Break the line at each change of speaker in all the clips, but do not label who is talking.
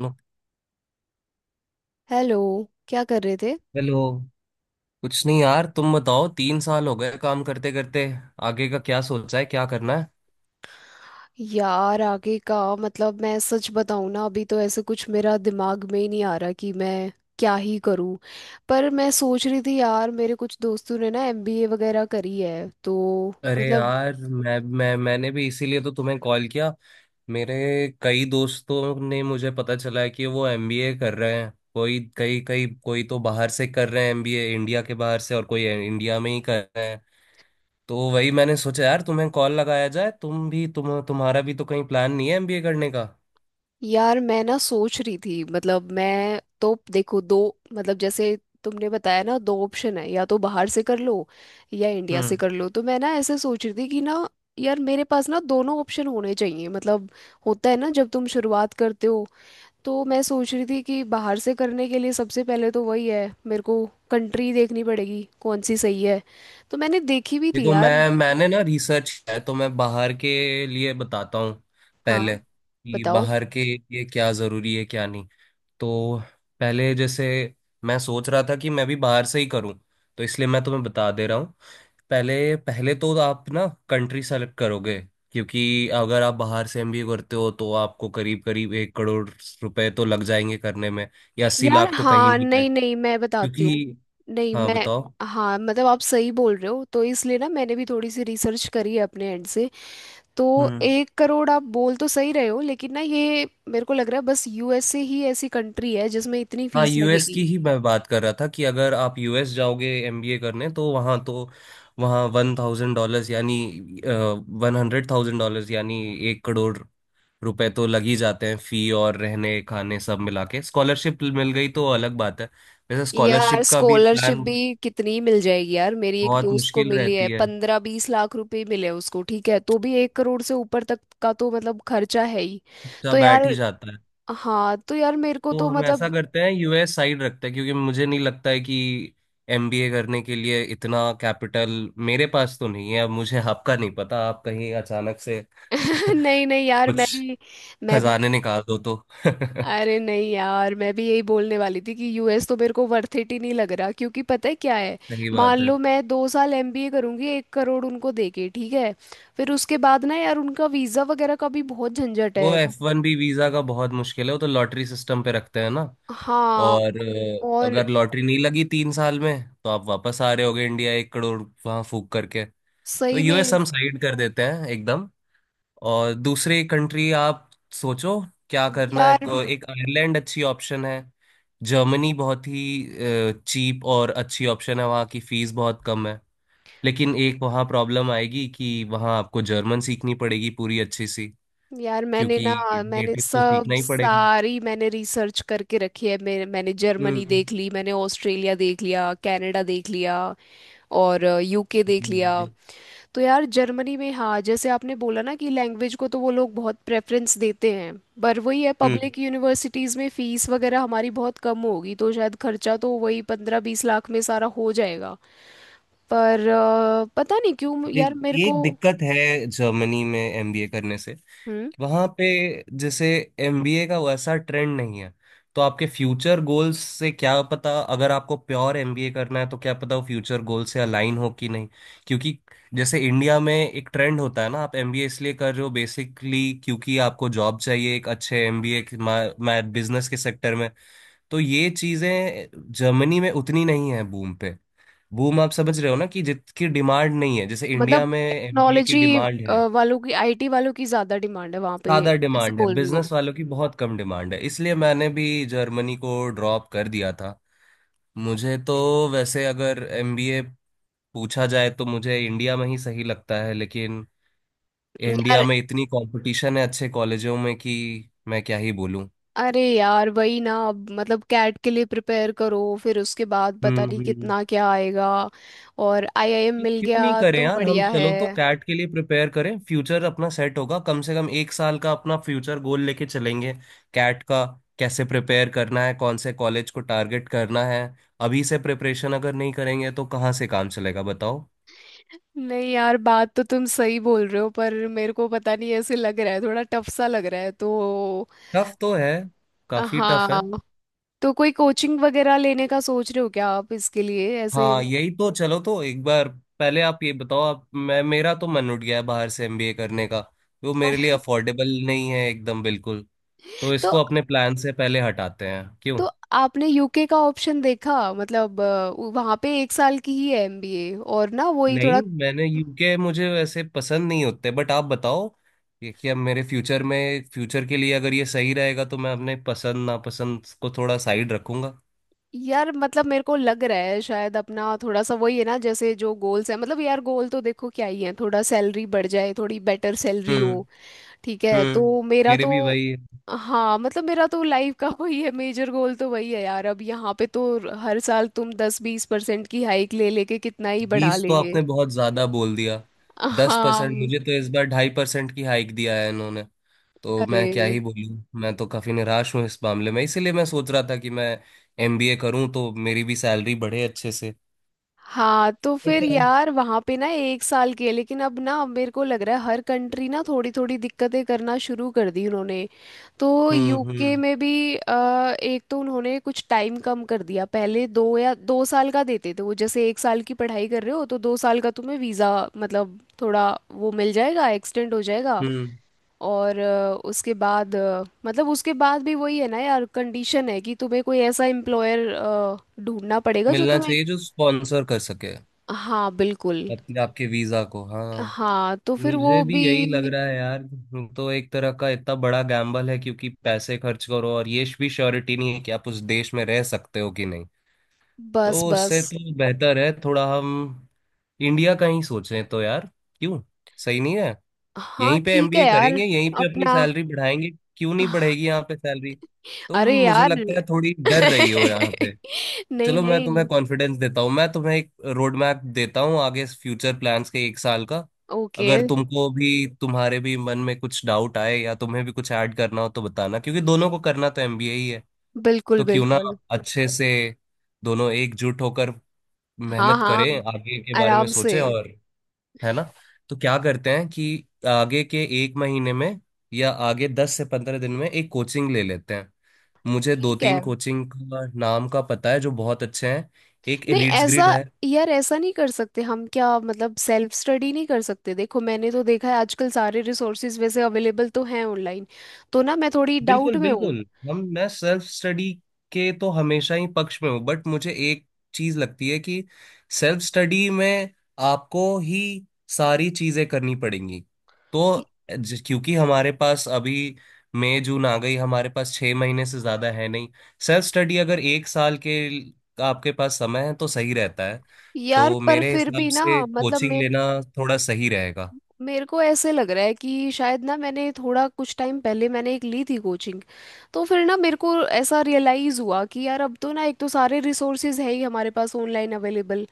No,
hello. क्या कर रहे थे?
हेलो। कुछ नहीं यार, तुम बताओ। 3 साल हो गए काम करते करते, आगे का क्या सोचा है, क्या करना है?
यार, आगे का मतलब, मैं सच बताऊं ना, अभी तो ऐसे कुछ मेरा दिमाग में ही नहीं आ रहा कि मैं क्या ही करूं। पर मैं सोच रही थी यार, मेरे कुछ दोस्तों ने ना एमबीए वगैरह करी है, तो
अरे
मतलब,
यार, मैंने भी इसीलिए तो तुम्हें कॉल किया। मेरे कई दोस्तों ने मुझे पता चला है कि वो एमबीए कर रहे हैं। कोई, कई कई, कोई तो बाहर से कर रहे हैं एमबीए, इंडिया के बाहर से, और कोई इंडिया में ही कर रहे हैं। तो वही मैंने सोचा यार, तुम्हें कॉल लगाया जाए। तुम भी, तुम्हारा भी तो कहीं प्लान नहीं है एमबीए करने का?
यार मैं ना सोच रही थी, मतलब मैं तो देखो, दो, मतलब जैसे तुमने बताया ना, दो ऑप्शन है: या तो बाहर से कर लो या इंडिया से
हम्म।
कर लो। तो मैं ना ऐसे सोच रही थी कि ना, यार मेरे पास ना दोनों ऑप्शन होने चाहिए। मतलब, होता है ना, जब तुम शुरुआत करते हो, तो मैं सोच रही थी कि बाहर से करने के लिए सबसे पहले तो वही है, मेरे को कंट्री देखनी पड़ेगी कौन सी सही है। तो मैंने देखी भी थी
देखो,
यार।
मैंने ना रिसर्च किया है, तो मैं बाहर के लिए बताता हूँ
हाँ,
पहले, कि
बताओ।
बाहर के लिए क्या ज़रूरी है क्या नहीं। तो पहले, जैसे मैं सोच रहा था कि मैं भी बाहर से ही करूँ, तो इसलिए मैं तुम्हें बता दे रहा हूँ। पहले पहले तो आप ना कंट्री सेलेक्ट करोगे, क्योंकि अगर आप बाहर से एमबीए करते हो तो आपको करीब करीब 1 करोड़ रुपए तो लग जाएंगे करने में, या अस्सी
यार
लाख तो कहीं
हाँ,
नहीं है।
नहीं नहीं, मैं बताती हूँ।
क्योंकि
नहीं
हाँ
मैं
बताओ।
हाँ, मतलब आप सही बोल रहे हो, तो इसलिए ना मैंने भी थोड़ी सी रिसर्च करी है अपने एंड से। तो
हम्म।
एक करोड़ आप बोल तो सही रहे हो, लेकिन ना ये मेरे को लग रहा है बस यूएसए ही ऐसी कंट्री है जिसमें इतनी
हाँ,
फीस
यूएस की
लगेगी।
ही मैं बात कर रहा था कि अगर आप यूएस जाओगे एमबीए करने तो वहाँ $1,000 यानी $100,000 यानी 1 करोड़ रुपए तो लग ही जाते हैं, फी और रहने खाने सब मिला के। स्कॉलरशिप मिल गई तो अलग बात है। वैसे
यार,
स्कॉलरशिप का भी
स्कॉलरशिप
प्लान
भी कितनी मिल जाएगी यार, मेरी एक
बहुत
दोस्त को
मुश्किल
मिली है,
रहती है,
15-20 लाख रुपए मिले उसको, ठीक है, तो भी 1 करोड़ से ऊपर तक का तो मतलब खर्चा है ही।
बच्चा
तो
बैठ ही
यार,
जाता है।
हाँ तो यार मेरे को
तो
तो
हम ऐसा
मतलब,
करते हैं, यूएस साइड रखते हैं, क्योंकि मुझे नहीं लगता है कि एमबीए करने के लिए इतना कैपिटल मेरे पास तो नहीं है। अब मुझे आपका नहीं पता, आप कहीं अचानक से
नहीं नहीं यार,
कुछ
मैं भी
खजाने निकाल दो तो
अरे
सही
नहीं यार, मैं भी यही बोलने वाली थी कि यूएस तो मेरे को वर्थ इट ही नहीं लग रहा, क्योंकि पता है क्या है, मान
बात है।
लो मैं 2 साल एमबीए करूंगी, 1 करोड़ उनको देके, ठीक है, फिर उसके बाद ना यार, उनका वीजा वगैरह का भी बहुत झंझट
वो
है।
F1B वीजा का बहुत मुश्किल है, वो तो लॉटरी सिस्टम पे रखते हैं ना।
हाँ।
और
और
अगर लॉटरी नहीं लगी 3 साल में, तो आप वापस आ रहे होगे इंडिया, 1 करोड़ वहां फूक करके। तो
सही
यूएस
में
हम साइड कर देते हैं एकदम। और दूसरी कंट्री आप सोचो क्या करना है।
यार।
हाँ, एक आयरलैंड अच्छी ऑप्शन है। जर्मनी बहुत ही चीप और अच्छी ऑप्शन है, वहाँ की फीस बहुत कम है। लेकिन एक वहाँ प्रॉब्लम आएगी, कि वहाँ आपको जर्मन सीखनी पड़ेगी पूरी अच्छी सी,
मैंने
क्योंकि
ना, मैंने
नेटिव तो
सब
सीखना ही पड़ेगा।
सारी मैंने रिसर्च करके रखी है, मैंने जर्मनी
हम्म,
देख ली, मैंने ऑस्ट्रेलिया देख लिया, कनाडा देख लिया और यूके देख लिया। तो यार, जर्मनी में हाँ जैसे आपने बोला ना कि लैंग्वेज को तो वो लोग बहुत प्रेफरेंस देते हैं, पर वही है,
हम्म।
पब्लिक यूनिवर्सिटीज़ में फीस वगैरह हमारी बहुत कम होगी, तो शायद खर्चा तो वही 15-20 लाख में सारा हो जाएगा। पर पता नहीं क्यों
ये-
यार मेरे
ये
को
एक दिक्कत है जर्मनी में एमबीए करने से,
हम्म
वहां पे जैसे एमबीए का वैसा ट्रेंड नहीं है। तो आपके फ्यूचर गोल्स से क्या पता, अगर आपको प्योर एमबीए करना है तो क्या पता वो फ्यूचर गोल से अलाइन हो कि नहीं। क्योंकि जैसे इंडिया में एक ट्रेंड होता है ना, आप एमबीए इसलिए कर रहे हो बेसिकली, क्योंकि आपको जॉब चाहिए एक अच्छे एमबीए मैथ बिजनेस के सेक्टर में। तो ये चीजें जर्मनी में उतनी नहीं है बूम पे। बूम आप समझ रहे हो ना, कि जितकी डिमांड नहीं है जैसे इंडिया
मतलब
में एमबीए की
टेक्नोलॉजी
डिमांड है।
वालों की, आईटी वालों की ज़्यादा डिमांड है वहाँ पे,
ज्यादा
ऐसे
डिमांड है
बोल रही हूँ।
बिजनेस वालों की, बहुत कम डिमांड है, इसलिए मैंने भी जर्मनी को ड्रॉप कर दिया था। मुझे तो वैसे अगर एमबीए पूछा जाए तो मुझे इंडिया में ही सही लगता है, लेकिन इंडिया
यार,
में इतनी कंपटीशन है अच्छे कॉलेजों में कि मैं क्या ही बोलूं।
अरे यार, वही ना, अब मतलब कैट के लिए प्रिपेयर करो, फिर उसके बाद पता
हम्म,
नहीं
हम्म।
कितना क्या आएगा, और आईआईएम
तो
मिल
क्यों नहीं
गया
करें
तो
यार हम,
बढ़िया है।
चलो तो कैट के लिए प्रिपेयर करें। फ्यूचर अपना सेट होगा, कम से कम एक साल का अपना फ्यूचर गोल लेके चलेंगे। कैट का कैसे प्रिपेयर करना है, कौन से कॉलेज को टारगेट करना है। अभी से प्रिपरेशन अगर नहीं करेंगे तो कहाँ से काम चलेगा बताओ।
नहीं यार, बात तो तुम सही बोल रहे हो, पर मेरे को पता नहीं, ऐसे लग रहा है थोड़ा टफ सा लग रहा है तो।
टफ तो है, काफी टफ
हाँ,
है।
तो कोई कोचिंग वगैरह लेने का सोच रहे हो क्या आप इसके लिए, ऐसे?
हाँ, यही तो। चलो तो एक बार, पहले आप ये बताओ। आप, मैं, मेरा तो मन उठ गया है बाहर से एमबीए करने का, वो मेरे लिए अफोर्डेबल नहीं है एकदम बिल्कुल। तो
तो
इसको अपने प्लान से पहले हटाते हैं, क्यों
तो आपने यूके का ऑप्शन देखा? मतलब वहां पे एक साल की ही है एमबीए, और ना वही थोड़ा।
नहीं? मैंने यूके मुझे वैसे पसंद नहीं होते बट आप बताओ ये, कि अब मेरे फ्यूचर में, फ्यूचर के लिए अगर ये सही रहेगा तो मैं अपने पसंद नापसंद को थोड़ा साइड रखूंगा।
यार मतलब, मेरे को लग रहा है शायद अपना थोड़ा सा वही है ना, जैसे जो गोल्स है, मतलब यार, गोल तो देखो क्या ही है, थोड़ा सैलरी बढ़ जाए, थोड़ी बेटर सैलरी
हम्म,
हो, ठीक है, तो
हम्म।
मेरा
मेरे
तो
भी वही है।
हाँ, मतलब मेरा तो लाइफ का वही है, मेजर गोल तो वही है यार। अब यहाँ पे तो हर साल तुम 10-20% की हाइक ले लेके कितना ही बढ़ा
20 तो
लेंगे।
आपने बहुत ज्यादा बोल दिया। 10%।
हाँ।
मुझे तो इस बार 2.5% की हाइक दिया है इन्होंने। तो मैं
अरे
क्या ही बोलूँ, मैं तो काफी निराश हूँ इस मामले में, इसीलिए मैं सोच रहा था कि मैं एमबीए करूँ तो मेरी भी सैलरी बढ़े अच्छे से।
हाँ, तो
बट।
फिर यार वहाँ पे ना 1 साल के, लेकिन अब ना मेरे को लग रहा है हर कंट्री ना थोड़ी थोड़ी दिक्कतें करना शुरू कर दी उन्होंने। तो
हम्म,
यूके
हम्म,
में भी एक तो उन्होंने कुछ टाइम कम कर दिया, पहले 2 या 2 साल का देते थे वो, जैसे 1 साल की पढ़ाई कर रहे हो तो 2 साल का तुम्हें वीज़ा मतलब थोड़ा वो मिल जाएगा, एक्सटेंड हो जाएगा।
हम्म।
और उसके बाद मतलब उसके बाद भी वही है ना यार, कंडीशन है कि तुम्हें कोई ऐसा एम्प्लॉयर ढूंढना पड़ेगा जो
मिलना
तुम्हें—
चाहिए जो स्पॉन्सर कर सके,
हाँ, बिल्कुल।
अपने आपके वीजा को। हाँ।
हाँ, तो फिर वो
मुझे भी
भी,
यही लग रहा है यार। तो एक तरह का इतना बड़ा गैम्बल है, क्योंकि पैसे खर्च करो और ये भी श्योरिटी नहीं है कि आप उस देश में रह सकते हो कि नहीं।
बस
तो उससे
बस।
तो बेहतर है थोड़ा हम इंडिया का ही सोचें तो यार, क्यों? सही नहीं है?
हाँ,
यहीं पे
ठीक
एमबीए
है यार।
करेंगे, यहीं पे अपनी
अपना—
सैलरी बढ़ाएंगे। क्यों नहीं बढ़ेगी यहाँ पे सैलरी? तुम,
अरे
मुझे
यार
लगता है, थोड़ी डर रही हो यहाँ।
नहीं
चलो मैं तुम्हें
नहीं।
कॉन्फिडेंस देता हूँ, मैं तुम्हें एक रोड मैप देता हूँ आगे फ्यूचर प्लान्स के एक साल का।
ओके।
अगर तुमको भी, तुम्हारे भी मन में कुछ डाउट आए या तुम्हें भी कुछ ऐड करना हो तो बताना, क्योंकि दोनों को करना तो एमबीए ही है।
बिल्कुल
तो क्यों ना
बिल्कुल।
अच्छे से दोनों एकजुट होकर
हाँ
मेहनत
हाँ,
करें, आगे के बारे में
आराम से।
सोचें। और है ना? तो क्या करते हैं कि आगे के एक महीने में, या आगे 10 से 15 दिन में एक कोचिंग ले लेते हैं। मुझे दो
ठीक है।
तीन कोचिंग का नाम का पता है जो बहुत अच्छे हैं। एक
नहीं,
एलिट्स
ऐसा,
ग्रिड है।
यार ऐसा नहीं कर सकते हम क्या? मतलब सेल्फ स्टडी नहीं कर सकते? देखो मैंने तो देखा है आजकल सारे रिसोर्सेज वैसे अवेलेबल तो हैं ऑनलाइन, तो ना मैं थोड़ी डाउट
बिल्कुल,
में हूँ।
बिल्कुल। हम मैं सेल्फ स्टडी के तो हमेशा ही पक्ष में हूँ, बट मुझे एक चीज लगती है कि सेल्फ स्टडी में आपको ही सारी चीजें करनी पड़ेंगी। तो क्योंकि हमारे पास अभी मई जून आ गई, हमारे पास 6 महीने से ज्यादा है नहीं। सेल्फ स्टडी अगर एक साल के आपके पास समय है तो सही रहता है।
यार,
तो
पर
मेरे
फिर
हिसाब
भी ना
से
मतलब
कोचिंग
मेरे
लेना थोड़ा सही रहेगा।
मेरे को ऐसे लग रहा है कि शायद ना, मैंने थोड़ा कुछ टाइम पहले मैंने एक ली थी कोचिंग, तो फिर ना मेरे को ऐसा रियलाइज़ हुआ कि यार, अब तो ना, एक तो सारे रिसोर्सेज है ही हमारे पास ऑनलाइन अवेलेबल,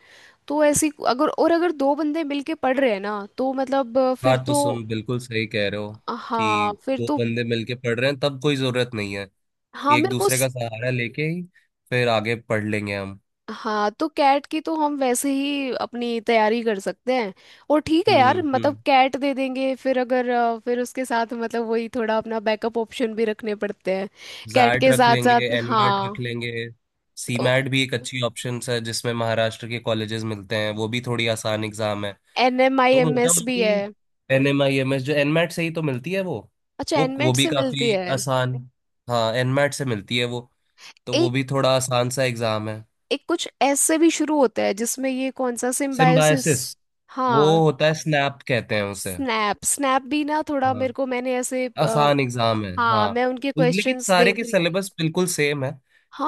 तो ऐसी अगर, और अगर दो बंदे मिलके पढ़ रहे हैं ना, तो मतलब फिर
बात तो
तो।
सुन, बिल्कुल सही कह रहे हो,
हाँ,
कि
फिर
दो
तो।
बंदे मिलके पढ़ रहे हैं तब कोई जरूरत नहीं है।
हाँ,
एक
मेरे को।
दूसरे का सहारा लेके ही फिर आगे पढ़ लेंगे हम।
हाँ, तो कैट की तो हम वैसे ही अपनी तैयारी कर सकते हैं। और ठीक है यार,
हम्म,
मतलब
हम्म।
कैट दे देंगे, फिर अगर फिर उसके साथ मतलब वही थोड़ा अपना बैकअप ऑप्शन भी रखने पड़ते हैं। कैट
जैट
के
रख
साथ
लेंगे,
साथ,
एनमैट रख
हाँ।
लेंगे। सीमैट भी एक अच्छी ऑप्शन है जिसमें महाराष्ट्र के कॉलेजेस मिलते हैं, वो भी थोड़ी आसान एग्जाम है।
एन एम आई
तो
एम
मोटा
एस भी
मोटी
है।
NMIMS जो एनमैट से ही तो मिलती है, वो
अच्छा,
वो वो
एनमेट
भी
से मिलती
काफी
है।
आसान। हाँ, एनमैट से मिलती है वो। तो वो
एक
भी थोड़ा आसान सा एग्जाम है।
एक कुछ एस से भी शुरू होता है, जिसमें ये कौन सा, सिम्बायोसिस।
सिम्बायसिस, वो
हाँ।
होता है, स्नैप कहते हैं उसे।
स्नैप, स्नैप भी ना थोड़ा
हाँ,
मेरे को, मैंने ऐसे
आसान एग्जाम है
हाँ,
हाँ।
मैं उनके
लेकिन
क्वेश्चंस
सारे
देख
के
रही थी।
सिलेबस बिल्कुल सेम है।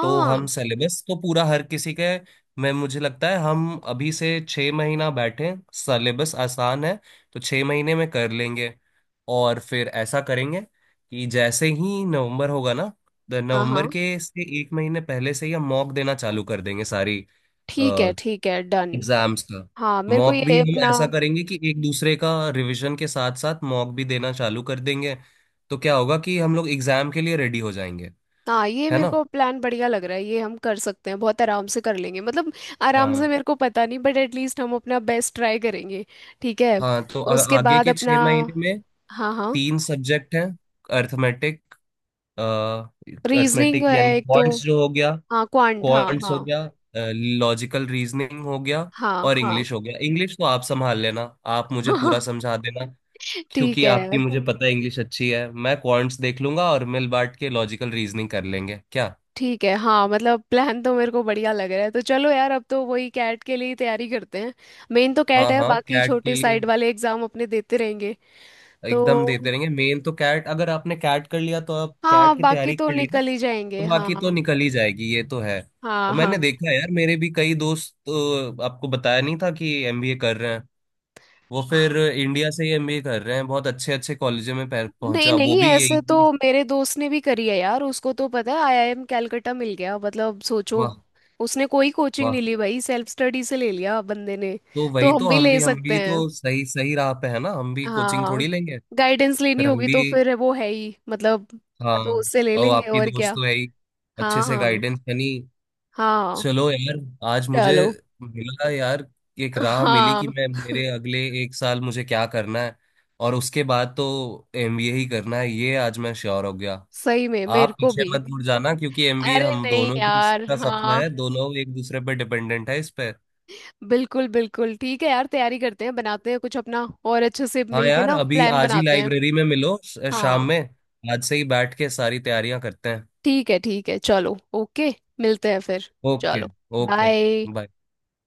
तो हम सिलेबस तो पूरा हर किसी के, मैं मुझे लगता है हम अभी से 6 महीना बैठे, सिलेबस आसान है तो 6 महीने में कर लेंगे। और फिर ऐसा करेंगे कि जैसे ही नवंबर होगा ना, तो
हाँ।
नवंबर
हाँ,
के से एक महीने पहले से ही हम मॉक देना चालू कर देंगे सारी
ठीक है, ठीक है, डन।
एग्जाम्स का।
हाँ, मेरे को
मॉक भी
ये
हम
अपना।
ऐसा करेंगे कि एक दूसरे का रिवीजन के साथ साथ मॉक भी देना चालू कर देंगे। तो क्या होगा कि हम लोग एग्जाम के लिए रेडी हो जाएंगे,
हाँ, ये
है
मेरे
ना?
को प्लान बढ़िया लग रहा है, ये हम कर सकते हैं बहुत आराम से, कर लेंगे मतलब। आराम
हाँ,
से मेरे को पता नहीं, बट एटलीस्ट हम अपना बेस्ट ट्राई करेंगे। ठीक है।
हाँ। तो
उसके
आगे
बाद
के छह
अपना,
महीने में
हाँ हाँ।
तीन सब्जेक्ट हैं। अर्थमेटिक,
रीजनिंग है
अर्थमेटिक यानी
एक तो।
क्वांट्स जो हो गया,
हाँ, क्वांट, हाँ
क्वांट्स
हाँ।
हो गया, लॉजिकल रीजनिंग हो गया,
हाँ।
और
हाँ।
इंग्लिश हो गया। इंग्लिश तो आप संभाल लेना, आप मुझे पूरा
हाँ।
समझा देना,
ठीक
क्योंकि आपकी
है,
मुझे पता है इंग्लिश अच्छी है। मैं क्वांट्स देख लूंगा और मिल बांट के लॉजिकल रीजनिंग कर लेंगे क्या।
ठीक है। हाँ, मतलब प्लान तो मेरे को बढ़िया लग रहा है, तो चलो यार, अब तो वही कैट के लिए ही तैयारी करते हैं। मेन तो कैट
हाँ,
है,
हाँ,
बाकी
कैट के
छोटे
लिए
साइड वाले एग्जाम अपने देते रहेंगे।
एकदम
तो
देते रहेंगे। मेन तो कैट, अगर आपने कैट कर लिया तो आप
हाँ,
कैट की
बाकी
तैयारी
तो
कर ली ना,
निकल ही जाएंगे,
तो
हाँ।
बाकी तो निकल ही जाएगी, ये तो है।
हाँ
और
हाँ।
मैंने देखा है यार, मेरे भी कई दोस्त तो आपको बताया नहीं था कि एमबीए कर रहे हैं। वो फिर इंडिया से ही एमबीए कर रहे हैं, बहुत अच्छे अच्छे कॉलेजों में पह-
नहीं
पहुंचा वो
नहीं,
भी यही
ऐसे तो
चीज।
मेरे दोस्त ने भी करी है यार, उसको तो पता है आईआईएम कैलकटा मिल गया, मतलब सोचो,
वाह।
उसने कोई कोचिंग नहीं
वाह,
ली भाई, सेल्फ स्टडी से ले लिया बंदे ने।
तो वही
तो हम
तो
भी
हम
ले
भी, हम
सकते
भी तो
हैं।
सही सही राह पे है ना, हम भी कोचिंग
हाँ।
थोड़ी लेंगे।
गाइडेंस लेनी
फिर हम
होगी तो
भी।
फिर वो है ही, मतलब
हाँ।
तो उससे ले
और
लेंगे,
आपकी
और क्या।
दोस्त तो है ही, अच्छे
हाँ
से
हाँ।
गाइडेंस यानी।
हाँ।
चलो यार, आज मुझे
चलो।
मिला यार एक राह, मिली कि
हाँ,
मैं, मेरे अगले एक साल मुझे क्या करना है, और उसके बाद तो एमबीए ही करना है, ये आज मैं श्योर हो गया।
सही में मेरे
आप
को
पीछे
भी।
मत मुड़ जाना, क्योंकि एमबीए
अरे
हम
नहीं
दोनों की
यार,
का सपना है,
हाँ,
दोनों एक दूसरे पर डिपेंडेंट है इस पे।
बिल्कुल बिल्कुल, ठीक है यार, तैयारी करते हैं, बनाते हैं कुछ अपना, और अच्छे से
हाँ
मिलके
यार,
ना
अभी
प्लान
आज ही
बनाते हैं।
लाइब्रेरी में मिलो शाम
हाँ।
में। आज से ही बैठ के सारी तैयारियां करते हैं।
ठीक है, ठीक है, चलो, ओके। मिलते हैं फिर।
ओके।
चलो।
Okay,
bye.
बाय।